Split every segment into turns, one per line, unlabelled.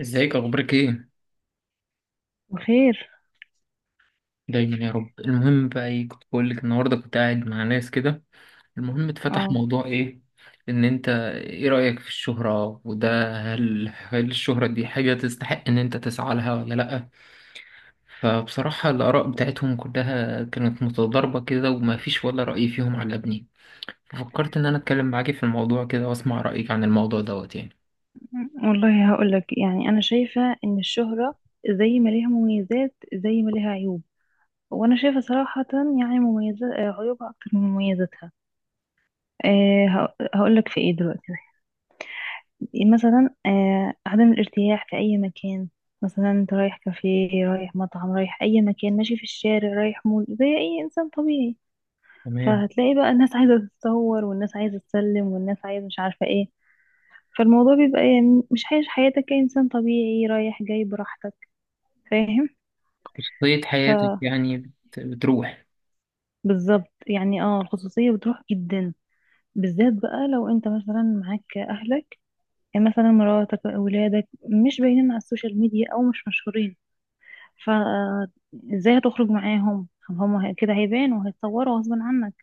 ازيك، اخبارك ايه؟
وخير.
دايما يا رب. المهم بقى، ايه كنت بقول لك، النهارده كنت قاعد مع ناس كده. المهم اتفتح
اه
موضوع، ايه، ان انت، ايه رأيك في الشهرة وده؟ هل الشهرة دي حاجة تستحق ان انت تسعى لها ولا لأ؟ فبصراحة الآراء بتاعتهم كلها كانت متضاربة كده، وما فيش ولا رأي فيهم عجبني. ففكرت ان انا اتكلم معاكي في الموضوع كده واسمع رأيك عن الموضوع دوت يعني.
والله هقولك، انا شايفة ان الشهرة زي ما ليها مميزات زي ما ليها عيوب، وانا شايفة صراحة يعني مميزات عيوبها اكتر من مميزاتها. هقولك في ايه دلوقتي. مثلا عدم الارتياح في اي مكان. مثلا انت رايح كافيه، رايح مطعم، رايح اي مكان، ماشي في الشارع، رايح مول، زي اي انسان طبيعي.
تمام.
فهتلاقي بقى الناس عايزة تتصور، والناس عايزة تسلم، والناس عايزة مش عارفة ايه. فالموضوع بيبقى يعني مش عايش حياتك كإنسان طبيعي رايح جاي براحتك، فاهم؟
خصوصية
ف
حياتك يعني بتروح.
بالظبط، يعني اه الخصوصية بتروح جدا. بالذات بقى لو انت مثلا معاك اهلك، يعني مثلا مراتك، اولادك، مش باينين على السوشيال ميديا او مش مشهورين، فازاي هتخرج معاهم؟ كده هيبانوا وهيتصوروا غصب عنك.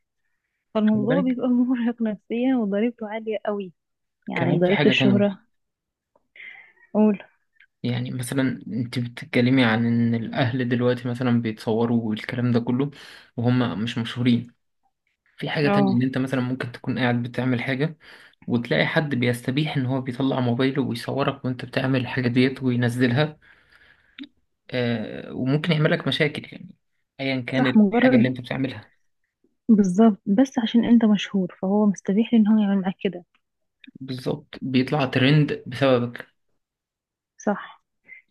خلي
فالموضوع
بالك،
بيبقى مرهق نفسيا وضريبته عالية قوي، يعني
كمان في
ضريبة
حاجة تانية.
الشهرة. قول.
يعني مثلا انت بتتكلمي عن ان الاهل دلوقتي مثلا بيتصوروا والكلام ده كله، وهم مش مشهورين. في حاجة تانية،
اه،
ان انت مثلا ممكن تكون قاعد بتعمل حاجة، وتلاقي حد بيستبيح ان هو بيطلع موبايله ويصورك وانت بتعمل الحاجة ديت وينزلها. آه، وممكن يعمل لك مشاكل يعني، ايا كان
صح.
الحاجة
مجرد،
اللي انت بتعملها.
بالظبط، بس عشان انت مشهور فهو مستبيح ان هو يعمل معاك كده.
بالظبط، بيطلع ترند بسببك.
صح.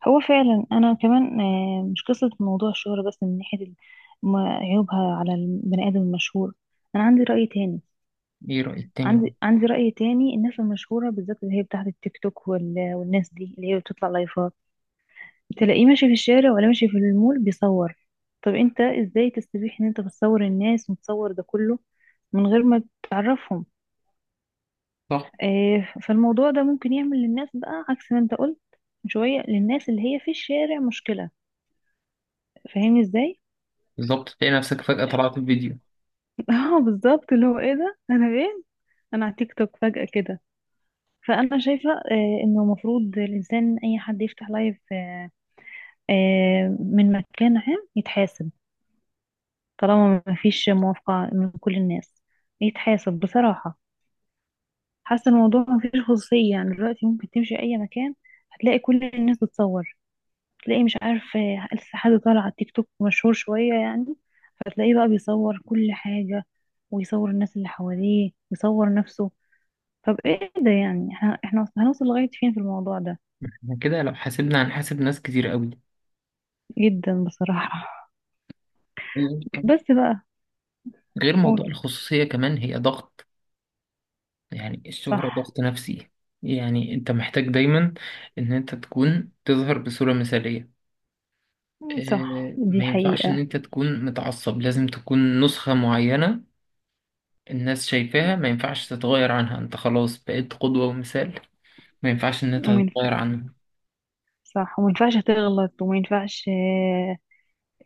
هو فعلا انا كمان آه، مش قصة موضوع الشهرة بس، من ناحية ال- ما- عيوبها على البني ادم المشهور. انا عندي رأي تاني.
ايه رأيك تاني؟
عندي رأي تاني، الناس المشهورة بالذات اللي هي بتاعت التيك توك والناس دي اللي هي بتطلع لايفات، تلاقيه ماشي في الشارع ولا ماشي في المول بيصور. طب انت ازاي تستبيح ان انت بتصور الناس وتصور ده كله من غير ما تعرفهم؟
صح.
آه، فالموضوع ده ممكن يعمل للناس بقى عكس ما انت قلت من شوية، للناس اللي هي في الشارع مشكلة. فاهمني ازاي؟
بالظبط تلاقي نفسك فجأة طلعت في فيديو.
اه بالظبط، اللي هو ايه ده؟ انا فين؟ انا على تيك توك فجأة كده. فانا شايفة آه، انه المفروض الانسان اي حد يفتح لايف آه، آه، من مكان عام يتحاسب. طالما ما فيش موافقة من كل الناس يتحاسب بصراحة. حاسة الموضوع ما فيش خصوصية، يعني دلوقتي ممكن تمشي اي مكان هتلاقي كل الناس بتصور. تلاقي مش عارف آه، لسه حد طالع على التيك توك مشهور شوية يعني، فتلاقيه بقى بيصور كل حاجة، ويصور الناس اللي حواليه ويصور نفسه. طب ايه ده يعني؟ احنا هنوصل لغاية فين في الموضوع ده؟
احنا كده لو حاسبنا هنحاسب ناس كتير
جدا بصراحة.
قوي.
بس بقى.
غير
قول.
موضوع الخصوصية، كمان هي ضغط. يعني الشهرة
صح.
ضغط نفسي. يعني انت محتاج دايما ان انت تكون تظهر بصورة مثالية.
صح
اه،
دي
ما ينفعش ان
حقيقة.
انت تكون متعصب، لازم تكون نسخة معينة. الناس شايفاها ما ينفعش تتغير عنها، انت خلاص بقيت قدوة ومثال، ما ينفعش ان انت
ومن،
تتغير عنها.
صح، وما ينفعش تغلط، وما ينفعش آه،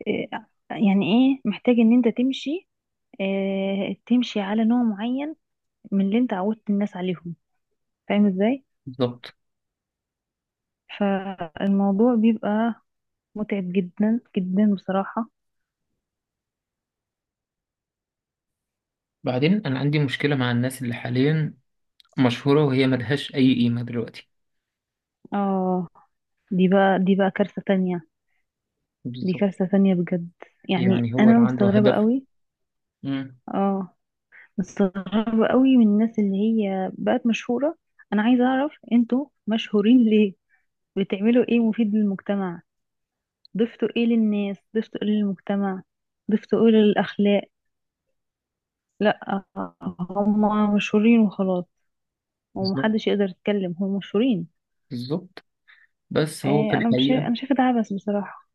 آه، يعني ايه، محتاج ان انت تمشي آه، تمشي على نوع معين من اللي انت عودت الناس عليهم، فاهم ازاي؟
بالظبط.
فالموضوع بيبقى متعب جدا جدا بصراحة.
بعدين انا عندي مشكلة مع الناس اللي حاليا مشهورة، وهي ملهاش اي قيمة دلوقتي.
اه، دي بقى دي بقى كارثة تانية. دي
بالظبط.
كارثة تانية بجد. يعني
يعني هو
أنا
اللي عنده
مستغربة
هدف.
قوي.
مم.
اه. مستغربة قوي من الناس اللي هي بقت مشهورة. أنا عايزة أعرف أنتوا مشهورين ليه؟ بتعملوا إيه مفيد للمجتمع؟ ضفتوا إيه للناس؟ ضفتوا إيه للمجتمع؟ ضفتوا إيه للأخلاق؟ لأ، هما مشهورين وخلاص.
بالظبط.
ومحدش يقدر يتكلم، هما مشهورين.
بالظبط. بس هو في
إيه، انا مش شايف-
الحقيقة
انا شايفه ده عبث بصراحه.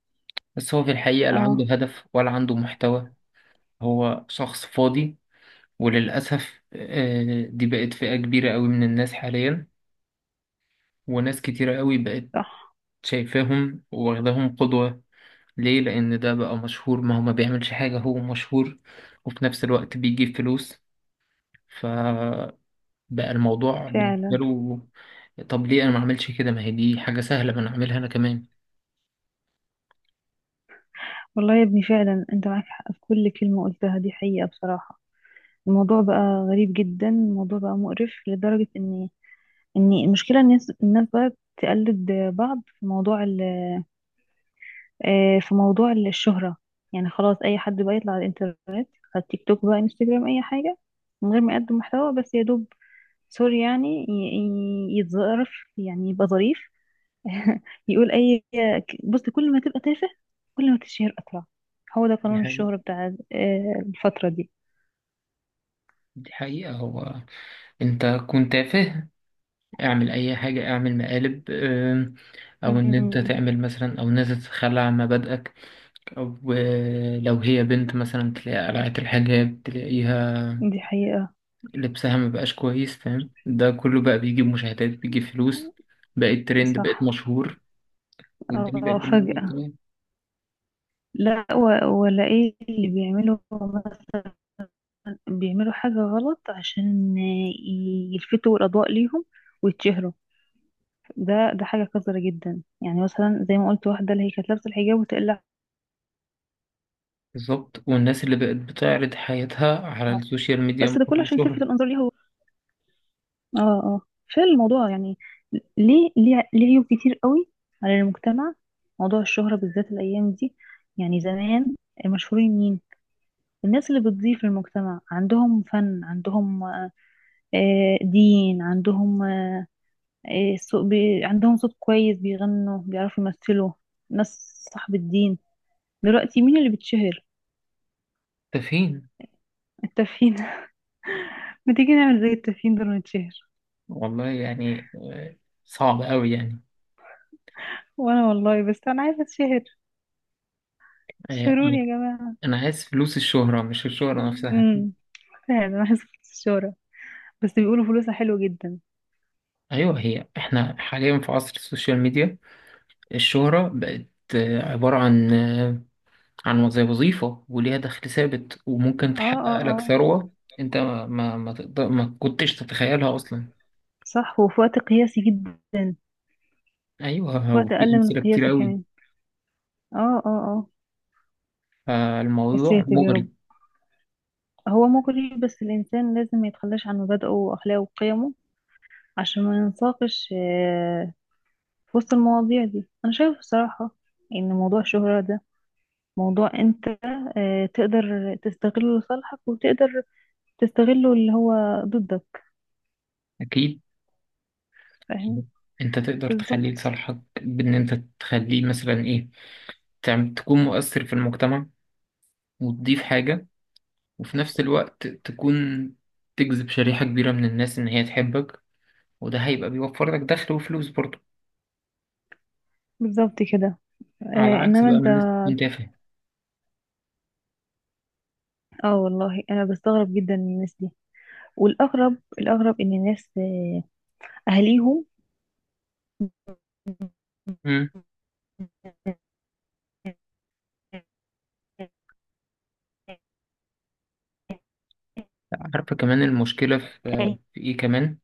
بس هو في الحقيقة لا عنده
اه.
هدف ولا عنده محتوى. هو شخص فاضي. وللأسف دي بقت فئة كبيرة قوي من الناس حاليا، وناس كتيرة قوي بقت
صح.
شايفاهم واخداهم قدوة. ليه؟ لأن ده بقى مشهور، ما هو ما بيعملش حاجة هو مشهور، وفي نفس الوقت بيجيب فلوس. فبقى الموضوع بالنسبة
فعلا.
له، طب ليه أنا ما أعملش كده؟ ما هي دي حاجة سهلة، ما أنا أعملها أنا كمان.
والله يا ابني فعلا انت معاك حق في كل كلمه قلتها، دي حقيقه بصراحه. الموضوع بقى غريب جدا، الموضوع بقى مقرف لدرجه ان المشكله الناس بقى تقلد بعض في موضوع آه، في موضوع الشهره. يعني خلاص اي حد بقى يطلع على الانترنت، على التيك توك بقى، انستجرام، اي حاجه، من غير ما يقدم محتوى، بس يا دوب سوري يعني يتظرف، يعني يبقى ظريف. يقول اي. بص، كل ما تبقى تافه كل ما تشهر اسرع، هو ده
دي
قانون
حقيقة.
الشهرة بتاع آه، الفترة دي.
دي حقيقة، هو أنت كنت تافه، اعمل اي حاجة، اعمل مقالب، او ان انت
مم،
تعمل مثلا، او ان انت تتخلى عن مبادئك، او لو هي بنت مثلا تلاقي قلعت الحجاب، تلاقيها
دي حقيقة.
لبسها مبقاش كويس، فاهم؟ ده كله بقى بيجيب مشاهدات، بيجيب فلوس، بقيت ترند، بقيت
صح.
مشهور، والدنيا بقت
اه
بالنسبة لك
فجأة.
تمام.
لا ولا ايه اللي بيعملوا؟ مثلا بيعملوا حاجة غلط عشان يلفتوا الأضواء ليهم ويتشهروا. ده حاجة قذرة جدا، يعني مثلا زي ما قلت، واحدة اللي هي كانت لابسة الحجاب وتقلعه.
بالظبط. والناس اللي بقت بتعرض حياتها على السوشيال ميديا
بس ده كله
مقابل
عشان تلفت
الشهرة.
الأنظار ليها. اه، اه، فعلا الموضوع يعني ليه عيوب كتير قوي على المجتمع، موضوع الشهرة بالذات الأيام دي. يعني زمان المشهورين مين؟ الناس اللي بتضيف للمجتمع، عندهم فن، عندهم آه، دين، عندهم آه، عندهم صوت كويس بيغنوا، بيعرفوا يمثلوا، ناس صاحب الدين. دلوقتي مين اللي بتشهر؟
ده فين؟
التافهين. ما تيجي نعمل زي التافهين دول ونتشهر.
والله يعني صعب قوي يعني.
وانا والله بس انا عايزه اتشهر،
آه، انا
شهروني يا جماعه.
أنا عايز فلوس الشهرة مش الشهرة نفسها.
امم فعلا انا عايزه فرصة الشهرة، بس بيقولوا فلوسها حلوة جدا.
ايوه، هي احنا حاليا في عصر السوشيال ميديا. الشهرة بقت عبارة عن عن زي وظيفة، وليها دخل ثابت، وممكن
اه، اه،
تحقق
اه.
لك ثروة انت ما تقدر، ما كنتش تتخيلها اصلا.
صح، وفي وقت قياسي جدا.
ايوه،
في
هو
وقت
في
أقل من
امثلة كتير
القياسي
قوي.
كمان. اه. اه، اه. يا
فالموضوع
ساتر يا رب.
مغري.
هو مغري، بس الإنسان لازم ما يتخلاش عن مبادئه وأخلاقه وقيمه عشان ما ينساقش آه، في وسط المواضيع دي. أنا شايفة بصراحة إن موضوع الشهرة ده موضوع أنت آه، تقدر تستغله لصالحك وتقدر تستغله اللي هو ضدك،
اكيد.
فاهم؟
انت تقدر تخلي
بالظبط.
لصالحك بان انت تخليه مثلا ايه، تكون مؤثر في المجتمع، وتضيف حاجة، وفي نفس الوقت تكون تجذب شريحة كبيرة من الناس ان هي تحبك، وده هيبقى بيوفر لك دخل وفلوس برضه.
بالظبط كده.
على
آه،
عكس
إنما
بقى
أنت،
ما الناس تكون تافهة.
اه والله انا بستغرب جدا من الناس دي. الاغرب ان الناس آه، اهاليهم،
امم. عارفة كمان المشكلة في
الناس
في ايه كمان؟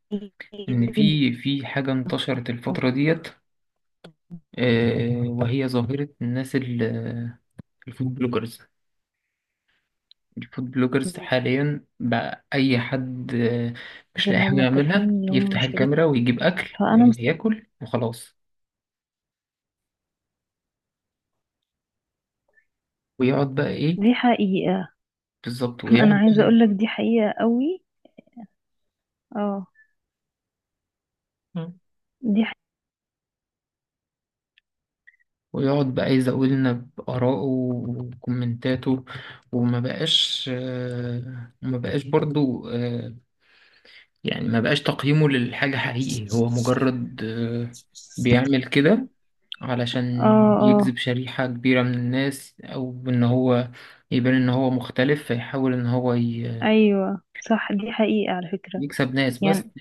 ان في حاجة انتشرت الفترة ديت، وهي ظاهرة الناس الفود بلوجرز. الفود بلوجرز حاليا بقى أي حد مش لاقي
اللي
حاجة
هم التافهين
يعملها،
اللي هم
يفتح
مشهورين.
الكاميرا ويجيب أكل
فانا مست...
يعني، ياكل وخلاص. ويقعد بقى إيه.
دي حقيقة.
بالظبط،
انا
ويقعد
عايزة
بقى
اقول لك دي حقيقة قوي. اه.
إيه،
دي حقيقة.
ويقعد بقى يزود لنا بآرائه وكومنتاته. وما بقاش، وما بقاش برضو، يعني ما بقاش تقييمه للحاجة حقيقي، هو مجرد بيعمل كده علشان
اه. اه.
يجذب شريحة كبيرة من الناس، أو إن هو يبان إن هو مختلف، فيحاول إن هو
ايوه صح، دي حقيقة على فكرة.
يكسب ناس بس.
يعني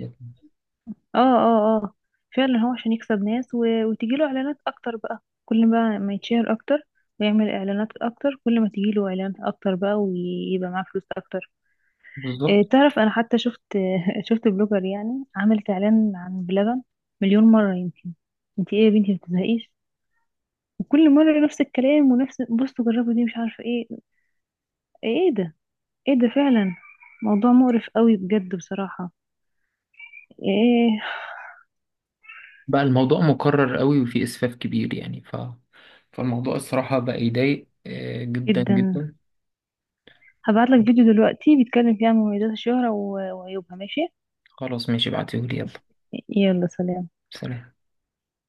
اه، اه، اه، فعلا هو عشان يكسب ناس و... وتجيله اعلانات اكتر بقى، كل ما يتشهر اكتر ويعمل اعلانات اكتر، كل ما تجيله اعلانات اكتر بقى ويبقى معاه فلوس اكتر. إيه
بالظبط.
تعرف انا حتى شفت شفت بلوجر يعني عملت اعلان عن بلبن مليون مرة يمكن. انت ايه يا بنتي ما بتزهقيش؟ وكل مرة نفس الكلام ونفس بصوا جربوا دي مش عارفة ايه آه، ايه ده؟ ايه ده فعلا؟ موضوع مقرف قوي بجد بصراحة. ايه؟
بقى الموضوع مكرر قوي وفي إسفاف كبير يعني فالموضوع الصراحة بقى يضايق جدا
جدا.
جدا.
هبعتلك فيديو دلوقتي بيتكلم فيه عن مميزات الشهرة وعيوبها، ماشي؟
خلاص ماشي، ابعتيهولي يلا.
يلا، سلام.
سلام.